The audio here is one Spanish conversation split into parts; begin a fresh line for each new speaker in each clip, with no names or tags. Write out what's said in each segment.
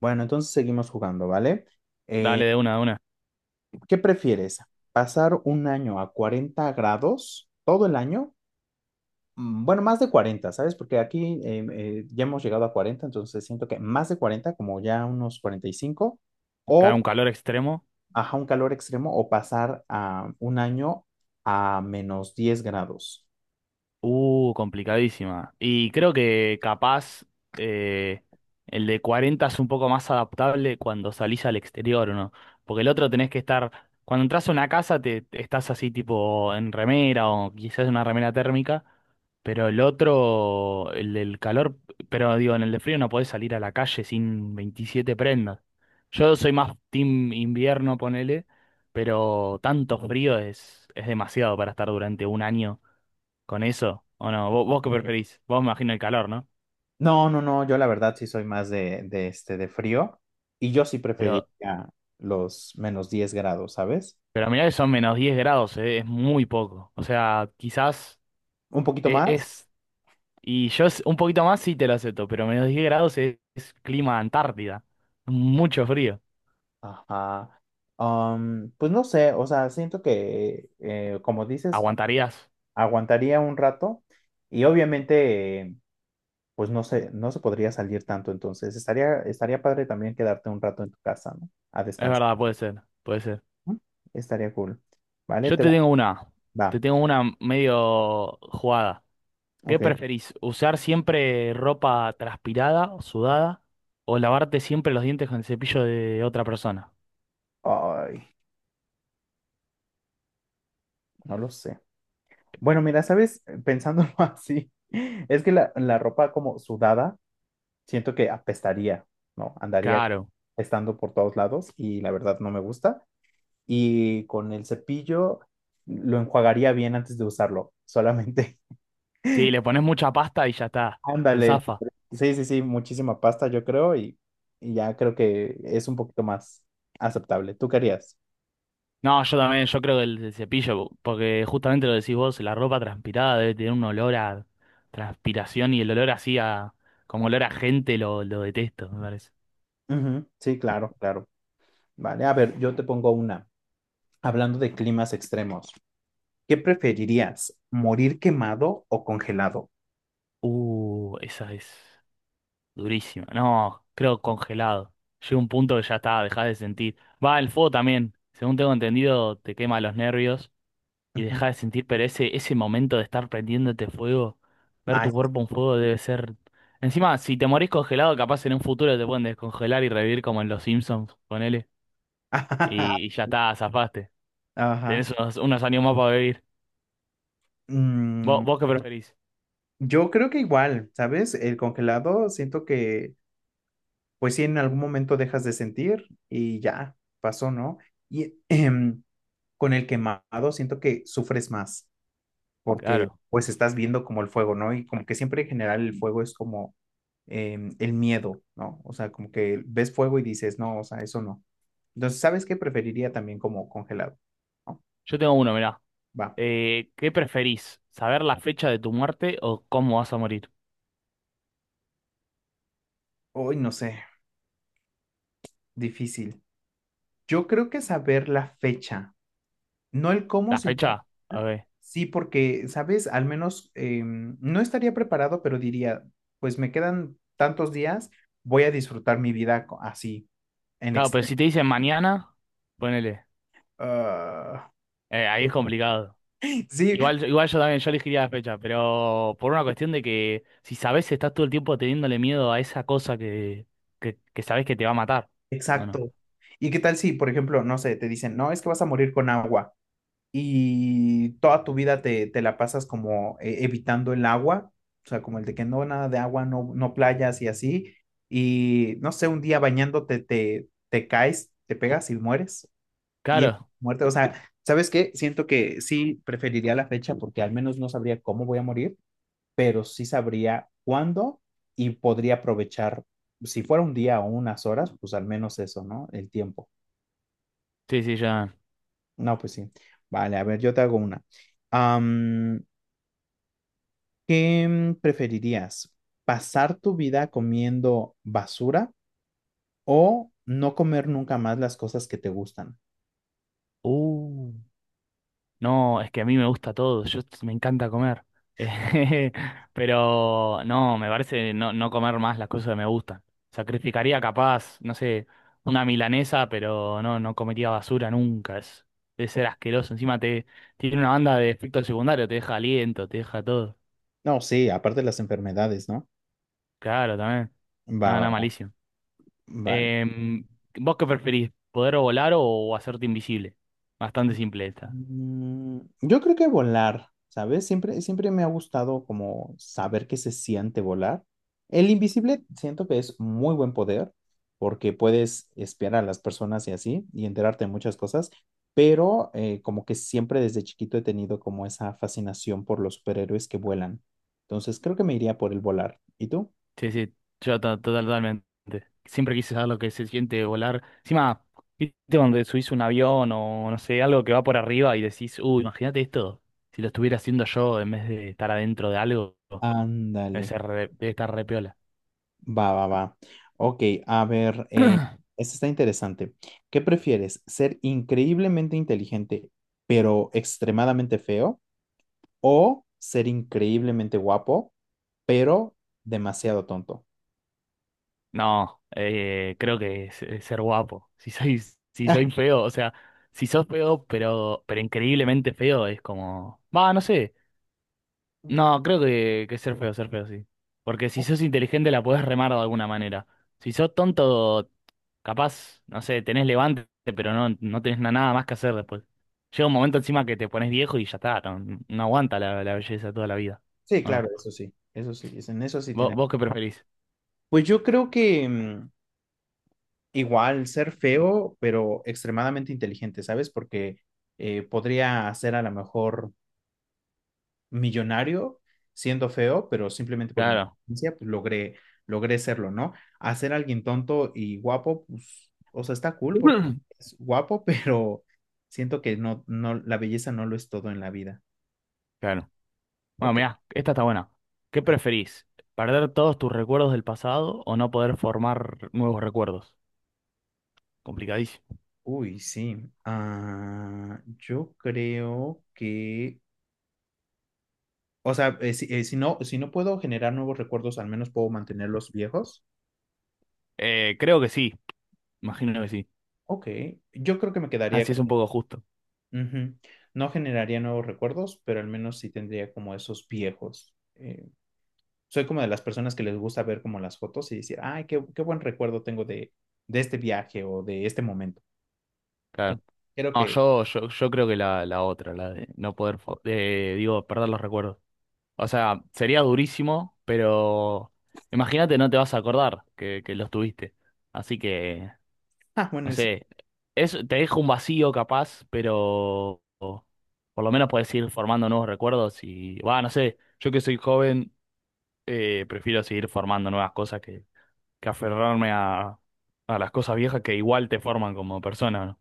Bueno, entonces seguimos jugando, ¿vale?
Dale de una, de una.
¿Qué prefieres? ¿Pasar un año a 40 grados todo el año? Bueno, más de 40, ¿sabes? Porque aquí ya hemos llegado a 40, entonces siento que más de 40, como ya unos 45,
Cae
o
un calor extremo.
ajá, un calor extremo, o pasar a un año a -10 grados.
Complicadísima. Y creo que capaz eh, el de 40 es un poco más adaptable cuando salís al exterior, ¿o no? Porque el otro tenés que estar, cuando entras a una casa te estás así tipo en remera o quizás una remera térmica, pero el otro, el del calor, pero digo, en el de frío no podés salir a la calle sin 27 prendas. Yo soy más team invierno, ponele, pero tanto frío es demasiado para estar durante un año con eso, o no, vos qué preferís, vos me imagino el calor, ¿no?
No, no, no, yo la verdad sí soy más de este, de frío, y yo sí preferiría
Pero,
los -10 grados, ¿sabes?
pero mirá que son -10 grados, es muy poco. O sea, quizás
Un poquito más.
es, y yo un poquito más sí te lo acepto, pero -10 grados es clima Antártida. Mucho frío.
Ajá. Pues no sé, o sea, siento que, como dices,
Aguantarías.
aguantaría un rato y obviamente, pues no sé, no se podría salir tanto, entonces estaría padre también quedarte un rato en tu casa, ¿no? A
Es
descansar,
verdad, puede ser, puede ser.
¿no? Estaría cool. ¿Vale?
Yo
Te
te
va.
tengo una, te
Va.
tengo una medio jugada. ¿Qué
Ok.
preferís? ¿Usar siempre ropa transpirada o sudada? ¿O lavarte siempre los dientes con el cepillo de otra persona?
Ay, no lo sé. Bueno, mira, ¿sabes? Pensándolo así, es que la ropa como sudada, siento que apestaría, ¿no? Andaría
Claro.
estando por todos lados y la verdad no me gusta. Y con el cepillo lo enjuagaría bien antes de usarlo, solamente.
Sí, le pones mucha pasta y ya está, se
Ándale.
zafa.
Sí, sí, sí, muchísima pasta yo creo y ya creo que es un poquito más aceptable. ¿Tú querías?
No, yo también, yo creo que el cepillo, porque justamente lo decís vos, la ropa transpirada debe tener un olor a transpiración y el olor así a, como olor a gente lo detesto, me parece.
Ujú, sí, claro, claro. Vale, a ver, yo te pongo una. Hablando de climas extremos, ¿qué preferirías? ¿Morir quemado o congelado?
Esa es durísima. No, creo congelado. Llega un punto que ya está, dejás de sentir. Va, el fuego también, según tengo entendido, te quema los nervios. Y
Ujú.
dejar de sentir, pero ese momento de estar prendiéndote fuego, ver
Ay,
tu
sí.
cuerpo en fuego debe ser... Encima, si te morís congelado, capaz en un futuro te pueden descongelar y revivir como en Los Simpsons, ponele, y ya está, zafaste.
Ajá.
Tenés unos años más para vivir.
Mm,
¿Vos qué preferís?
yo creo que igual, ¿sabes? El congelado siento que pues sí, en algún momento dejas de sentir y ya, pasó, ¿no? Y con el quemado siento que sufres más porque
Claro.
pues estás viendo como el fuego, ¿no? Y como que siempre en general el fuego es como el miedo, ¿no? O sea, como que ves fuego y dices, no, o sea, eso no. Entonces, ¿sabes qué preferiría también como congelado? ¿No?
Yo tengo uno, mirá.
Va.
¿Qué preferís? ¿Saber la fecha de tu muerte o cómo vas a morir?
Hoy no sé, difícil. Yo creo que saber la fecha, no el cómo,
¿La
sino
fecha? A ver.
sí, porque, ¿sabes? Al menos no estaría preparado, pero diría, pues me quedan tantos días, voy a disfrutar mi vida así, en
Claro, pero
extremo.
si te dicen mañana, ponele.
Ah,
Ahí es complicado.
sí,
Igual, igual yo también, yo elegiría las fechas, pero por una cuestión de que si sabes, estás todo el tiempo teniéndole miedo a esa cosa que sabes que te va a matar, ¿o no?
exacto. ¿Y qué tal si, por ejemplo, no sé, te dicen, no, es que vas a morir con agua y toda tu vida te la pasas como evitando el agua, o sea, como el de que no, nada de agua, no, no playas y así, y no sé, un día bañándote te caes, te pegas y mueres. Y es
Claro,
muerte, o sea, ¿sabes qué? Siento que sí preferiría la fecha porque al menos no sabría cómo voy a morir, pero sí sabría cuándo y podría aprovechar, si fuera un día o unas horas, pues al menos eso, ¿no? El tiempo.
sí, sí, ya.
No, pues sí. Vale, a ver, yo te hago una. Am, ¿Qué preferirías? ¿Pasar tu vida comiendo basura o no comer nunca más las cosas que te gustan?
Uh. No, es que a mí me gusta todo, me encanta comer. Pero no, me parece no comer más las cosas que me gustan. Sacrificaría capaz, no sé, una milanesa, pero no comería basura nunca. Debe ser asqueroso. Encima te tiene una banda de efecto secundario, te deja aliento, te deja todo.
No, sí, aparte de las enfermedades, ¿no?
Claro, también.
Va,
No,
va,
no,
va.
malísimo.
Vale.
Em, ¿Vos qué preferís? ¿Poder volar o hacerte invisible? Bastante simple esta.
Yo creo que volar, ¿sabes? Siempre, siempre me ha gustado como saber qué se siente volar. El invisible siento que es muy buen poder porque puedes espiar a las personas y así y enterarte de muchas cosas, pero como que siempre desde chiquito he tenido como esa fascinación por los superhéroes que vuelan. Entonces creo que me iría por el volar. ¿Y tú?
Sí, sí, totalmente. Siempre quise saber lo que se siente volar. Encima, viste cuando subís un avión o no sé, algo que va por arriba y decís, uy, imagínate esto, si lo estuviera haciendo yo en vez de estar adentro de algo,
Ándale.
debe estar re piola.
Va, va, va. Ok, a ver, esto está interesante. ¿Qué prefieres? ¿Ser increíblemente inteligente, pero extremadamente feo? ¿O ser increíblemente guapo, pero demasiado tonto?
No, creo que es ser guapo. Si soy, si soy
Ah,
feo, o sea, si sos feo, pero increíblemente feo, es como, va, no sé. No, creo que ser feo, sí. Porque si sos inteligente la podés remar de alguna manera. Si sos tonto, capaz, no sé, tenés levante, pero no tenés nada más que hacer después. Llega un momento encima que te pones viejo y ya está, no aguanta la belleza toda la vida.
sí,
¿O no?
claro, eso sí, en eso sí
¿Vos,
tiene.
vos qué preferís?
Pues yo creo que igual ser feo, pero extremadamente inteligente, ¿sabes? Porque podría hacer a lo mejor millonario siendo feo, pero simplemente por mi
Claro.
inteligencia, pues logré, logré serlo, ¿no? Hacer a alguien tonto y guapo, pues, o sea, está cool porque es guapo, pero siento que no, no, la belleza no lo es todo en la vida.
Claro. Bueno,
Ok.
mirá, esta está buena. ¿Qué
Ah,
preferís? ¿Perder todos tus recuerdos del pasado o no poder formar nuevos recuerdos? Complicadísimo.
uy, sí. Ah, yo creo que, o sea, si no puedo generar nuevos recuerdos, al menos puedo mantener los viejos.
Creo que sí, imagino que sí.
Ok. Yo creo que me quedaría.
Así es un poco justo.
Ujú. No generaría nuevos recuerdos, pero al menos sí tendría como esos viejos. Soy como de las personas que les gusta ver como las fotos y decir, ay, qué, qué buen recuerdo tengo de este viaje o de este momento.
Claro.
Entonces, creo
No,
que,
yo creo que la otra, la de no poder, digo, perder los recuerdos. O sea, sería durísimo, pero imagínate, no te vas a acordar que los tuviste. Así que,
ah, bueno,
no
eso
sé, te deja un vacío capaz, pero por lo menos puedes ir formando nuevos recuerdos y, va, no sé, yo que soy joven, prefiero seguir formando nuevas cosas que aferrarme a las cosas viejas que igual te forman como persona, ¿no?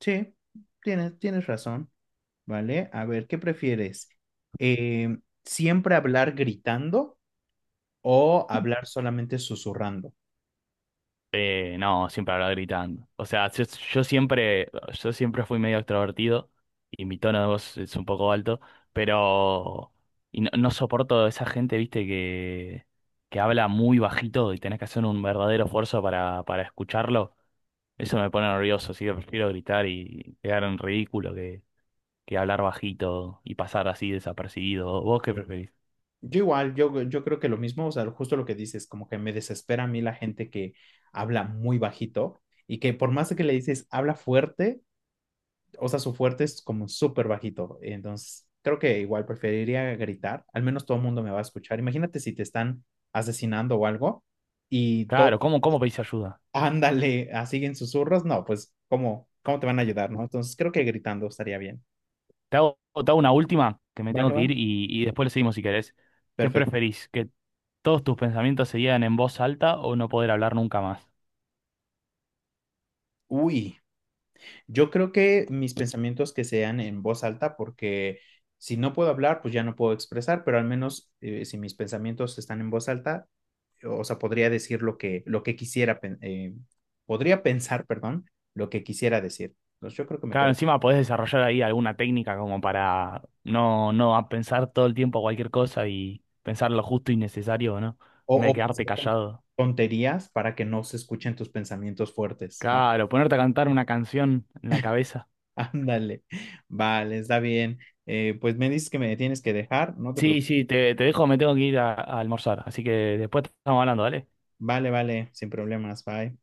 sí, tienes razón, ¿vale? A ver, ¿qué prefieres? Eh, ¿Siempre hablar gritando o hablar solamente susurrando?
No, siempre hablaba gritando. O sea, yo siempre, yo siempre fui medio extrovertido y mi tono de voz es un poco alto, pero y no soporto esa gente, viste, que habla muy bajito y tenés que hacer un verdadero esfuerzo para escucharlo. Eso me pone nervioso, así que prefiero gritar y quedar en ridículo que hablar bajito y pasar así desapercibido. ¿Vos qué preferís?
Yo igual, yo creo que lo mismo, o sea, justo lo que dices, como que me desespera a mí la gente que habla muy bajito y que por más que le dices habla fuerte, o sea, su fuerte es como súper bajito. Entonces, creo que igual preferiría gritar, al menos todo el mundo me va a escuchar. Imagínate si te están asesinando o algo y todo,
Claro, ¿cómo pedís ayuda?
ándale, así en susurros, no, pues, ¿cómo, cómo te van a ayudar, no? Entonces, creo que gritando estaría bien.
Te hago una última, que me
¿Va
tengo
que
que
va?
ir y después le seguimos si querés. ¿Qué
Perfecto.
preferís? ¿Que todos tus pensamientos se digan en voz alta o no poder hablar nunca más?
Uy. Yo creo que mis pensamientos que sean en voz alta, porque si no puedo hablar, pues ya no puedo expresar, pero al menos si mis pensamientos están en voz alta, o sea, podría decir lo que quisiera, podría pensar, perdón, lo que quisiera decir. Entonces yo creo que me
Claro,
quedo.
encima podés desarrollar ahí alguna técnica como para no a pensar todo el tiempo cualquier cosa y pensar lo justo y necesario, ¿no? En vez
O
de quedarte
pensar con
callado.
tonterías para que no se escuchen tus pensamientos fuertes, ¿no?
Claro, ponerte a cantar una canción en la cabeza.
Ándale, vale, está bien. Pues me dices que me tienes que dejar, no te
Sí,
preocupes.
sí, te dejo, me tengo que ir a almorzar. Así que después estamos hablando, ¿dale?
Vale, vale, sin problemas, bye.